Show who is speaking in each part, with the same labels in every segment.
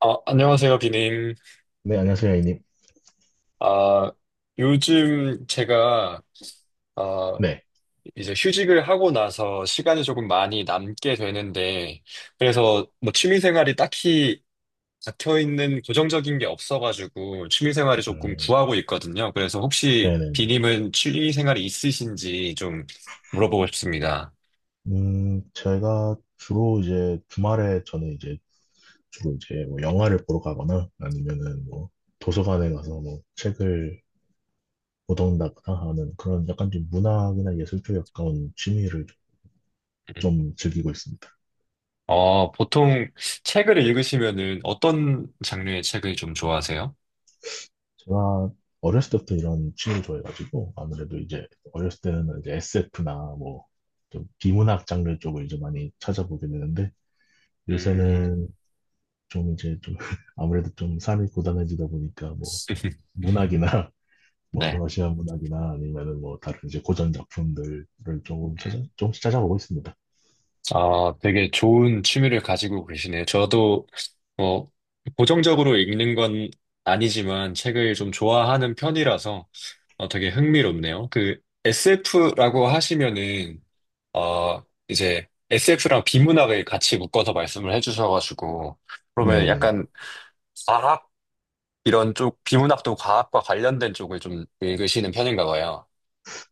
Speaker 1: 안녕하세요, 비님.
Speaker 2: 네, 안녕하세요, A님.
Speaker 1: 아, 요즘 제가, 아,
Speaker 2: 네,
Speaker 1: 이제 휴직을 하고 나서 시간이 조금 많이 남게 되는데, 그래서 뭐 취미생활이 딱히 잡혀있는 고정적인 게 없어가지고, 취미생활을 조금
Speaker 2: 음,
Speaker 1: 구하고 있거든요. 그래서 혹시
Speaker 2: 네네네.
Speaker 1: 비님은 취미생활이 있으신지 좀 물어보고 싶습니다.
Speaker 2: 제가 주로 이제 주말에 저는 이제 뭐 영화를 보러 가거나 아니면은 뭐 도서관에 가서 뭐 책을 보던다거나 하는 그런 약간 좀 문학이나 예술 쪽에 가까운 취미를
Speaker 1: 음.
Speaker 2: 좀 즐기고 있습니다.
Speaker 1: 보통 책을 읽으시면은 어떤 장르의 책을 좀 좋아하세요?
Speaker 2: 제가 어렸을 때부터 이런 취미를 좋아해가지고 아무래도 이제 어렸을 때는 이제 SF나 뭐 좀 비문학 장르 쪽을 이제 많이 찾아보게 되는데
Speaker 1: 음,
Speaker 2: 요새는 좀 이제 아무래도 좀 삶이 고단해지다 보니까 뭐 문학이나 뭐
Speaker 1: 네.
Speaker 2: 러시아 문학이나 아니면은 뭐 다른 이제 고전 작품들을 조금씩 찾아보고 있습니다.
Speaker 1: 아, 되게 좋은 취미를 가지고 계시네요. 저도, 어, 고정적으로 읽는 건 아니지만 책을 좀 좋아하는 편이라서 되게 흥미롭네요. SF라고 하시면은, 어, 이제 SF랑 비문학을 같이 묶어서 말씀을 해주셔가지고, 그러면
Speaker 2: 네네.
Speaker 1: 약간 과학 이런 쪽, 비문학도 과학과 관련된 쪽을 좀 읽으시는 편인가 봐요.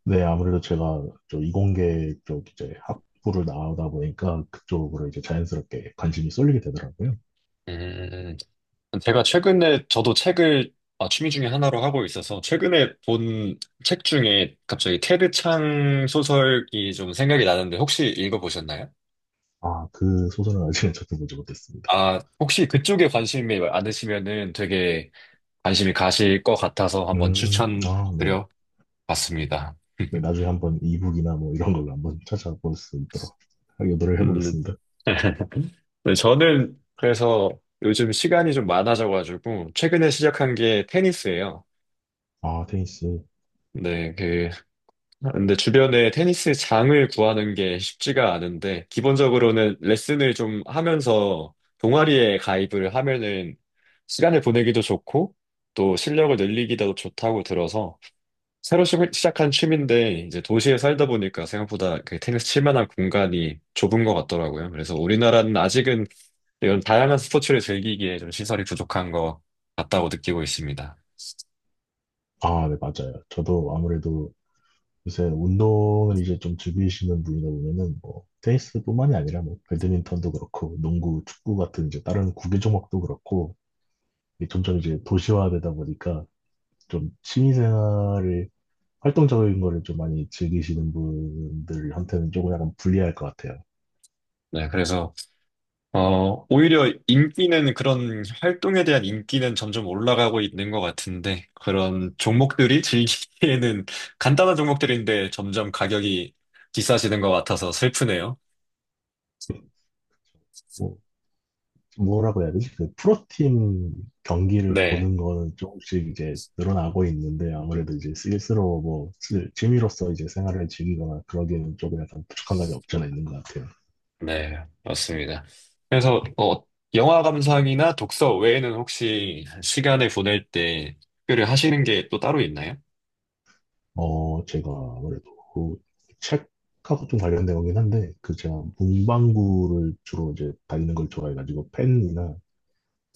Speaker 2: 네, 아무래도 제가 이공계 쪽 이제 학부를 나오다 보니까 그쪽으로 이제 자연스럽게 관심이 쏠리게 되더라고요.
Speaker 1: 음, 음, 음. 제가 최근에 저도 책을 취미 중에 하나로 하고 있어서 최근에 본 책 중에 갑자기 테드 창 소설이 좀 생각이 나는데 혹시 읽어보셨나요?
Speaker 2: 아, 그 소설은 아직은 저도 보지 못했습니다.
Speaker 1: 아, 혹시 그쪽에 관심이 많으시면은 되게 관심이 가실 것 같아서 한번
Speaker 2: 아, 네.
Speaker 1: 추천드려 봤습니다.
Speaker 2: 네, 나중에 한번 이북이나 뭐 이런 걸로 한번 찾아볼 수 있도록 노력해
Speaker 1: 음,
Speaker 2: 보겠습니다.
Speaker 1: 네, 저는 그래서 요즘 시간이 좀 많아져가지고 최근에 시작한 게 테니스예요.
Speaker 2: 아, 테니스.
Speaker 1: 네, 그 근데 주변에 테니스 장을 구하는 게 쉽지가 않은데, 기본적으로는 레슨을 좀 하면서 동아리에 가입을 하면은 시간을 보내기도 좋고, 또 실력을 늘리기도 좋다고 들어서, 새로 시작한 취미인데, 이제 도시에 살다 보니까 생각보다 그 테니스 칠 만한 공간이 좁은 것 같더라고요. 그래서 우리나라는 아직은 이런 다양한 스포츠를 즐기기에 좀 시설이 부족한 것 같다고 느끼고 있습니다.
Speaker 2: 아, 네, 맞아요. 저도 아무래도 요새 운동을 이제 좀 즐기시는 분이다 보면은 뭐 테니스뿐만이 아니라 뭐 배드민턴도 그렇고 농구, 축구 같은 이제 다른 구기 종목도 그렇고 이게 점점 이제 도시화되다 보니까 좀 취미생활을 활동적인 거를 좀 많이 즐기시는 분들한테는 조금 약간 불리할 것 같아요.
Speaker 1: 네, 그래서 오히려 인기는 그런 활동에 대한 인기는 점점 올라가고 있는 것 같은데, 그런 종목들이 즐기기에는 간단한 종목들인데 점점 가격이 비싸지는 것 같아서 슬프네요.
Speaker 2: 뭐 뭐라고 해야 되지? 그 프로팀 경기를
Speaker 1: 네,
Speaker 2: 보는 거는 조금씩 이제 늘어나고 있는데 아무래도 이제 스스로 취미로서 이제 생활을 즐기거나 그러기에는 조금 약간 부족한 감이 없지 않아 있는 것 같아요.
Speaker 1: 네, 맞습니다. 그래서, 어, 영화 감상이나 독서 외에는 혹시 시간을 보낼 때 특별히 하시는 게 또 따로 있나요?
Speaker 2: 어, 제가 아무래도 그 책하고 좀 관련된 거긴 한데 그 제가 문방구를 주로 이제 다니는 걸 좋아해가지고 펜이나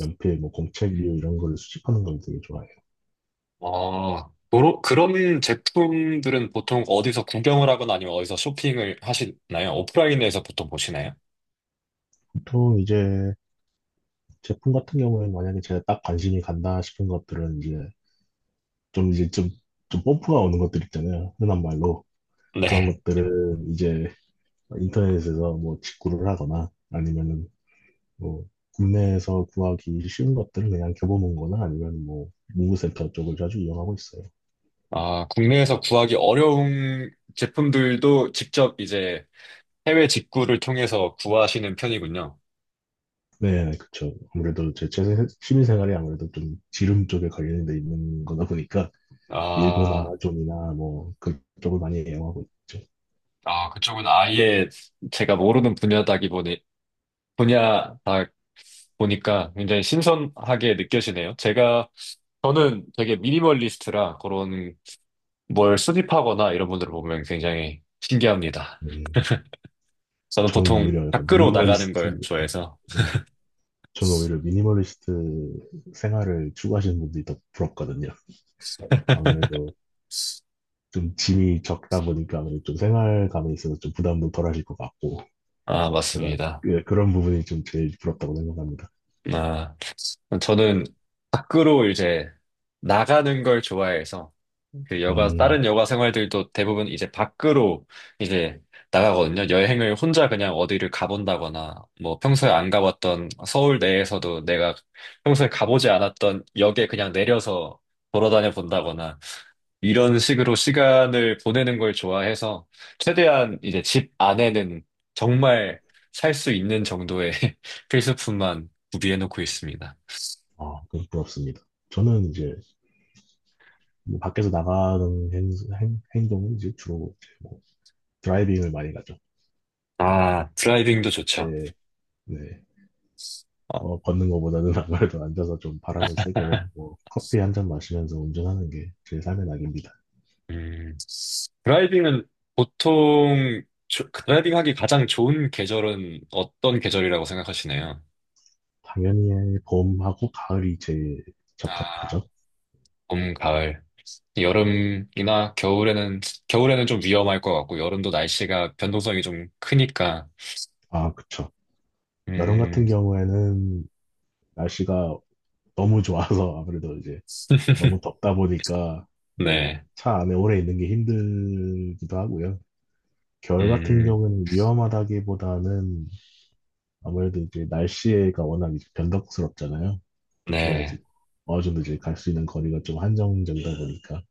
Speaker 2: 연필, 뭐 공책류 이런 걸 수집하는 걸 되게 좋아해요.
Speaker 1: 그런 제품들은 보통 어디서 구경을 하거나 아니면 어디서 쇼핑을 하시나요? 오프라인에서 보통 보시나요?
Speaker 2: 보통 이제 제품 같은 경우에는 만약에 제가 딱 관심이 간다 싶은 것들은 이제 좀 이제 좀, 좀 펌프가 오는 것들 있잖아요. 흔한 말로. 그런
Speaker 1: 네.
Speaker 2: 것들은 이제 인터넷에서 뭐 직구를 하거나 아니면은 뭐 국내에서 구하기 쉬운 것들은 그냥 겨보는 거나 아니면 뭐 문구센터 쪽을 자주 이용하고 있어요.
Speaker 1: 아, 국내에서 구하기 어려운 제품들도 직접 이제 해외 직구를 통해서 구하시는 편이군요.
Speaker 2: 네, 그쵸. 아무래도 제 취미생활이 아무래도 좀 지름 쪽에 관련돼 있는 거다 보니까 일본
Speaker 1: 아,
Speaker 2: 아마존이나 뭐 그쪽을 많이 이용하고 있죠.
Speaker 1: 아, 그쪽은 아예 제가 모르는 분야다 보니까 굉장히 신선하게 느껴지네요. 저는 되게 미니멀리스트라 그런 뭘 수집하거나 이런 분들을 보면 굉장히 신기합니다.
Speaker 2: 음,
Speaker 1: 저는
Speaker 2: 저는
Speaker 1: 보통
Speaker 2: 오히려 약간
Speaker 1: 밖으로 나가는
Speaker 2: 미니멀리스트,
Speaker 1: 걸 좋아해서,
Speaker 2: 음, 저는 오히려 미니멀리스트 생활을 추구하시는 분들이 더 부럽거든요. 아무래도 좀 짐이 적다 보니까 아무래도 좀 생활감에 있어서 좀 부담도 덜 하실 것 같고,
Speaker 1: 아,
Speaker 2: 제가
Speaker 1: 맞습니다.
Speaker 2: 그런 부분이 좀 제일 부럽다고 생각합니다.
Speaker 1: 아. 저는 밖으로 나가는 걸 좋아해서 그 여가
Speaker 2: 음,
Speaker 1: 다른 여가 생활들도 대부분 이제 밖으로 이제 나가거든요. 여행을 혼자 그냥 어디를 가본다거나 뭐 평소에 안 가봤던 서울 내에서도 내가 평소에 가보지 않았던 역에 그냥 내려서 걸어다녀 본다거나 이런 식으로 시간을 보내는 걸 좋아해서 최대한 이제 집 안에는 정말 살 수 있는 정도의 필수품만 구비해 놓고 있습니다.
Speaker 2: 아, 그건 부럽습니다. 저는 이제 뭐 밖에서 나가는 행동은 주로 이제 뭐 드라이빙을 많이 가죠.
Speaker 1: 아, 드라이빙도 좋죠.
Speaker 2: 네, 네.
Speaker 1: 어,
Speaker 2: 그거 걷는 것보다는 아무래도 앉아서 좀 바람을 쐬고 뭐 커피 한 잔 마시면서 운전하는 게 제 삶의 낙입니다.
Speaker 1: 음, 드라이빙은 보통 드라이빙 하기 가장 좋은 계절은 어떤 계절이라고 생각하시나요?
Speaker 2: 당연히 봄하고 가을이 제일
Speaker 1: 아,
Speaker 2: 적합하죠.
Speaker 1: 봄, 가을. 여름이나 겨울에는, 겨울에는 좀 위험할 것 같고, 여름도 날씨가 변동성이 좀 크니까.
Speaker 2: 아, 그쵸. 여름 같은
Speaker 1: 음,
Speaker 2: 경우에는 날씨가 너무 좋아서 아무래도 이제 너무 덥다 보니까 뭐
Speaker 1: 네.
Speaker 2: 차 안에 오래 있는 게 힘들기도 하고요. 겨울 같은
Speaker 1: 음,
Speaker 2: 경우는 위험하다기보다는 아무래도 이제 날씨가 워낙 이제 변덕스럽잖아요.
Speaker 1: 네.
Speaker 2: 그래가지고 어느 정도 이제 갈 수 있는 거리가 좀 한정적이다 보니까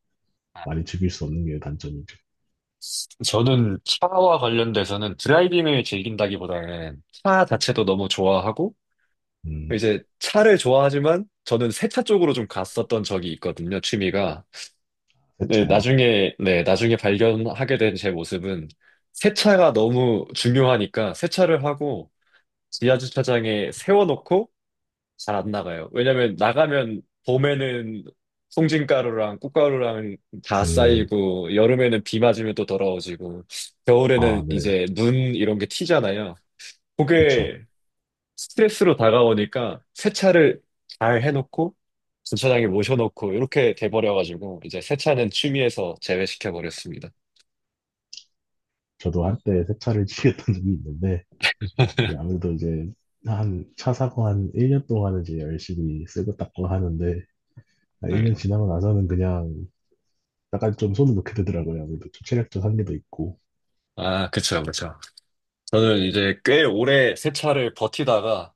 Speaker 1: 아,
Speaker 2: 많이 즐길 수 없는 게 단점이죠.
Speaker 1: 저는 차와 관련돼서는 드라이빙을 즐긴다기보다는 차 자체도 너무 좋아하고,
Speaker 2: 음,
Speaker 1: 이제 차를 좋아하지만 저는 세차 쪽으로 좀 갔었던 적이 있거든요, 취미가.
Speaker 2: 세차요.
Speaker 1: 네, 나중에 발견하게 된 제 모습은 세차가 너무 중요하니까 세차를 하고 지하 주차장에 세워놓고 잘 안 나가요. 왜냐면 나가면 봄에는 송진가루랑 꽃가루랑 다
Speaker 2: 음,
Speaker 1: 쌓이고 여름에는 비 맞으면 또 더러워지고 겨울에는
Speaker 2: 아, 네.
Speaker 1: 이제 눈 이런 게 튀잖아요.
Speaker 2: 그쵸.
Speaker 1: 그게 스트레스로 다가오니까 세차를 잘 해놓고 주차장에 모셔놓고 이렇게 돼버려가지고 이제 세차는 취미에서 제외시켜버렸습니다.
Speaker 2: 저도 한때 세차를 치겠던 적이 있는데, 아무래도 이제 한 차 사고 한 1년 동안은 이제 열심히 쓰고 닦고 하는데, 한
Speaker 1: 네,
Speaker 2: 1년 지나고 나서는 그냥 약간 좀 손을 놓게 되더라고요. 아무래도 좀 체력적 한계도 있고.
Speaker 1: 아, 그쵸, 그쵸. 저는 이제 꽤 오래 세차를 버티다가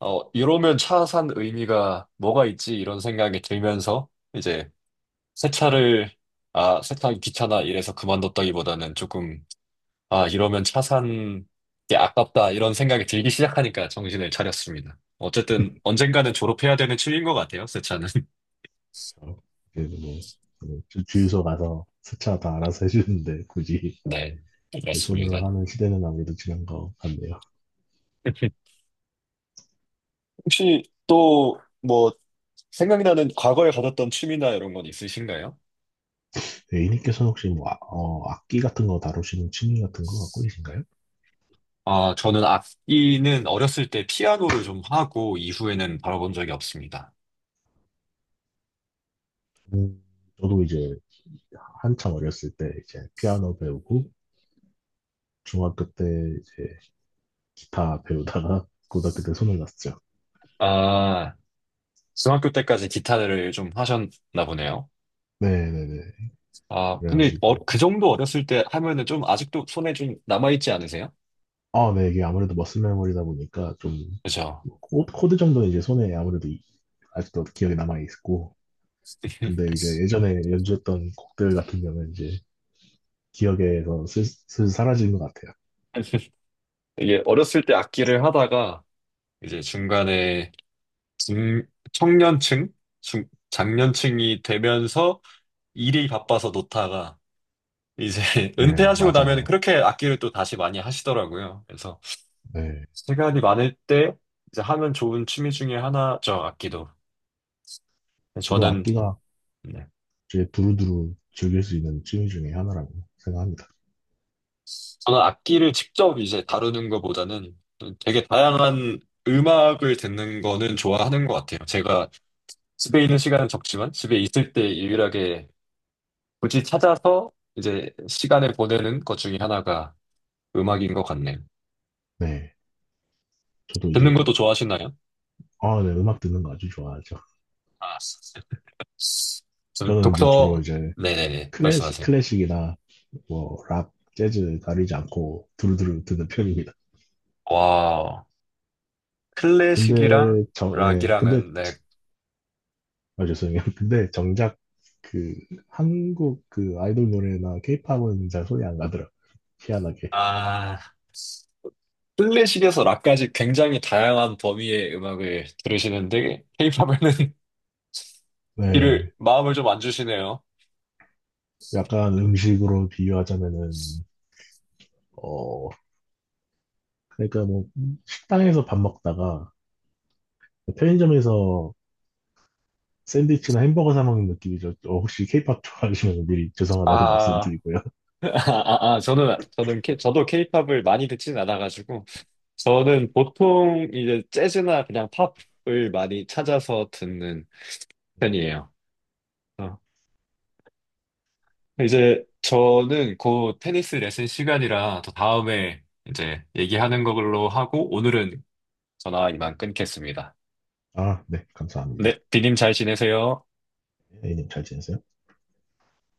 Speaker 1: 어, 이러면 차 산 의미가 뭐가 있지? 이런 생각이 들면서 이제 세차를 세차하기 귀찮아 이래서 그만뒀다기보다는 조금 아, 이러면 차 산 게 아깝다, 이런 생각이 들기 시작하니까 정신을 차렸습니다. 어쨌든 언젠가는 졸업해야 되는 취미인 것 같아요, 새 차는.
Speaker 2: 그래서 그래도 뭐, 그 주유소 가서 세차 다 알아서 해주는데, 굳이
Speaker 1: 네,
Speaker 2: 내
Speaker 1: 맞습니다.
Speaker 2: 손으로 하는 시대는 아무래도 지난 것 같네요.
Speaker 1: 혹시 또 뭐 생각나는 과거에 가졌던 취미나 이런 건 있으신가요?
Speaker 2: A님께서 혹시 뭐, 어, 악기 같은 거 다루시는 취미 같은 거 갖고 계신가요?
Speaker 1: 아, 저는 악기는 어렸을 때 피아노를 좀 하고 이후에는 바라본 적이 없습니다.
Speaker 2: 음, 저도 이제 한참 어렸을 때 이제 피아노 배우고 중학교 때 이제 기타 배우다가 고등학교 때 손을 놨죠.
Speaker 1: 아, 중학교 때까지 기타를 좀 하셨나 보네요.
Speaker 2: 네네네.
Speaker 1: 아, 근데
Speaker 2: 그래가지고,
Speaker 1: 그 정도 어렸을 때 하면은 좀 아직도 손에 좀 남아있지 않으세요?
Speaker 2: 아, 네, 이게 아무래도 머슬 메모리다 보니까 좀,
Speaker 1: 그죠.
Speaker 2: 뭐 코드 정도는 이제 손에 아무래도 아직도 기억에 남아있고, 근데 이제 예전에 연주했던 곡들 같은 경우는 이제 기억에서 슬슬 사라지는 것 같아요.
Speaker 1: 이게 어렸을 때 악기를 하다가 이제 중간에 중, 청년층, 중, 장년층이 되면서 일이 바빠서 놓다가 이제
Speaker 2: 네,
Speaker 1: 은퇴하시고 나면
Speaker 2: 맞아요.
Speaker 1: 그렇게 악기를 또 다시 많이 하시더라고요. 그래서
Speaker 2: 네.
Speaker 1: 시간이 많을 때 이제 하면 좋은 취미 중에 하나죠, 악기도. 근데
Speaker 2: 저도
Speaker 1: 저는
Speaker 2: 악기가
Speaker 1: 네.
Speaker 2: 이제 두루두루 즐길 수 있는 취미 중에 하나라고 생각합니다.
Speaker 1: 저는 악기를 직접 이제 다루는 것보다는 되게 다양한 음악을 듣는 거는 좋아하는 것 같아요. 제가 집에 있는 시간은 적지만 집에 있을 때 유일하게 굳이 찾아서 이제 시간을 보내는 것 중에 하나가 음악인 것 같네요.
Speaker 2: 네. 저도
Speaker 1: 듣는
Speaker 2: 이제,
Speaker 1: 것도 좋아하시나요?
Speaker 2: 아, 네, 음악 듣는 거 아주 좋아하죠.
Speaker 1: 아, 저
Speaker 2: 저는 이제 주로
Speaker 1: 독서,
Speaker 2: 이제
Speaker 1: 네네네,
Speaker 2: 클래식,
Speaker 1: 말씀하세요.
Speaker 2: 클래식이나 뭐 락, 재즈 가리지 않고 두루두루 듣는 편입니다.
Speaker 1: 와, 클래식이랑
Speaker 2: 근데 정, 예, 근데
Speaker 1: 락이랑은, 네,
Speaker 2: 아 죄송해요. 근데 정작 그 한국 그 아이돌 노래나 케이팝은 잘 손이 안 가더라. 희한하게.
Speaker 1: 아, 클래식에서 락까지 굉장히 다양한 범위의 음악을 들으시는데, 케이팝에는 이를,
Speaker 2: 네,
Speaker 1: 마음을 좀 안 주시네요.
Speaker 2: 약간 음식으로 비유하자면은 어 그러니까 뭐 식당에서 밥 먹다가 편의점에서 샌드위치나 햄버거 사 먹는 느낌이죠. 어, 혹시 케이팝 좋아하시면 미리
Speaker 1: 아,
Speaker 2: 죄송하다고 말씀드리고요.
Speaker 1: 아, 저도 케이팝을 많이 듣진 않아가지고, 저는 보통 이제 재즈나 그냥 팝을 많이 찾아서 듣는 편이에요. 어, 이제 저는 곧 테니스 레슨 시간이라 더 다음에 이제 얘기하는 걸로 하고, 오늘은 전화 이만 끊겠습니다.
Speaker 2: 아, 네, 감사합니다.
Speaker 1: 네, 비님 잘 지내세요.
Speaker 2: A님 잘 지내세요?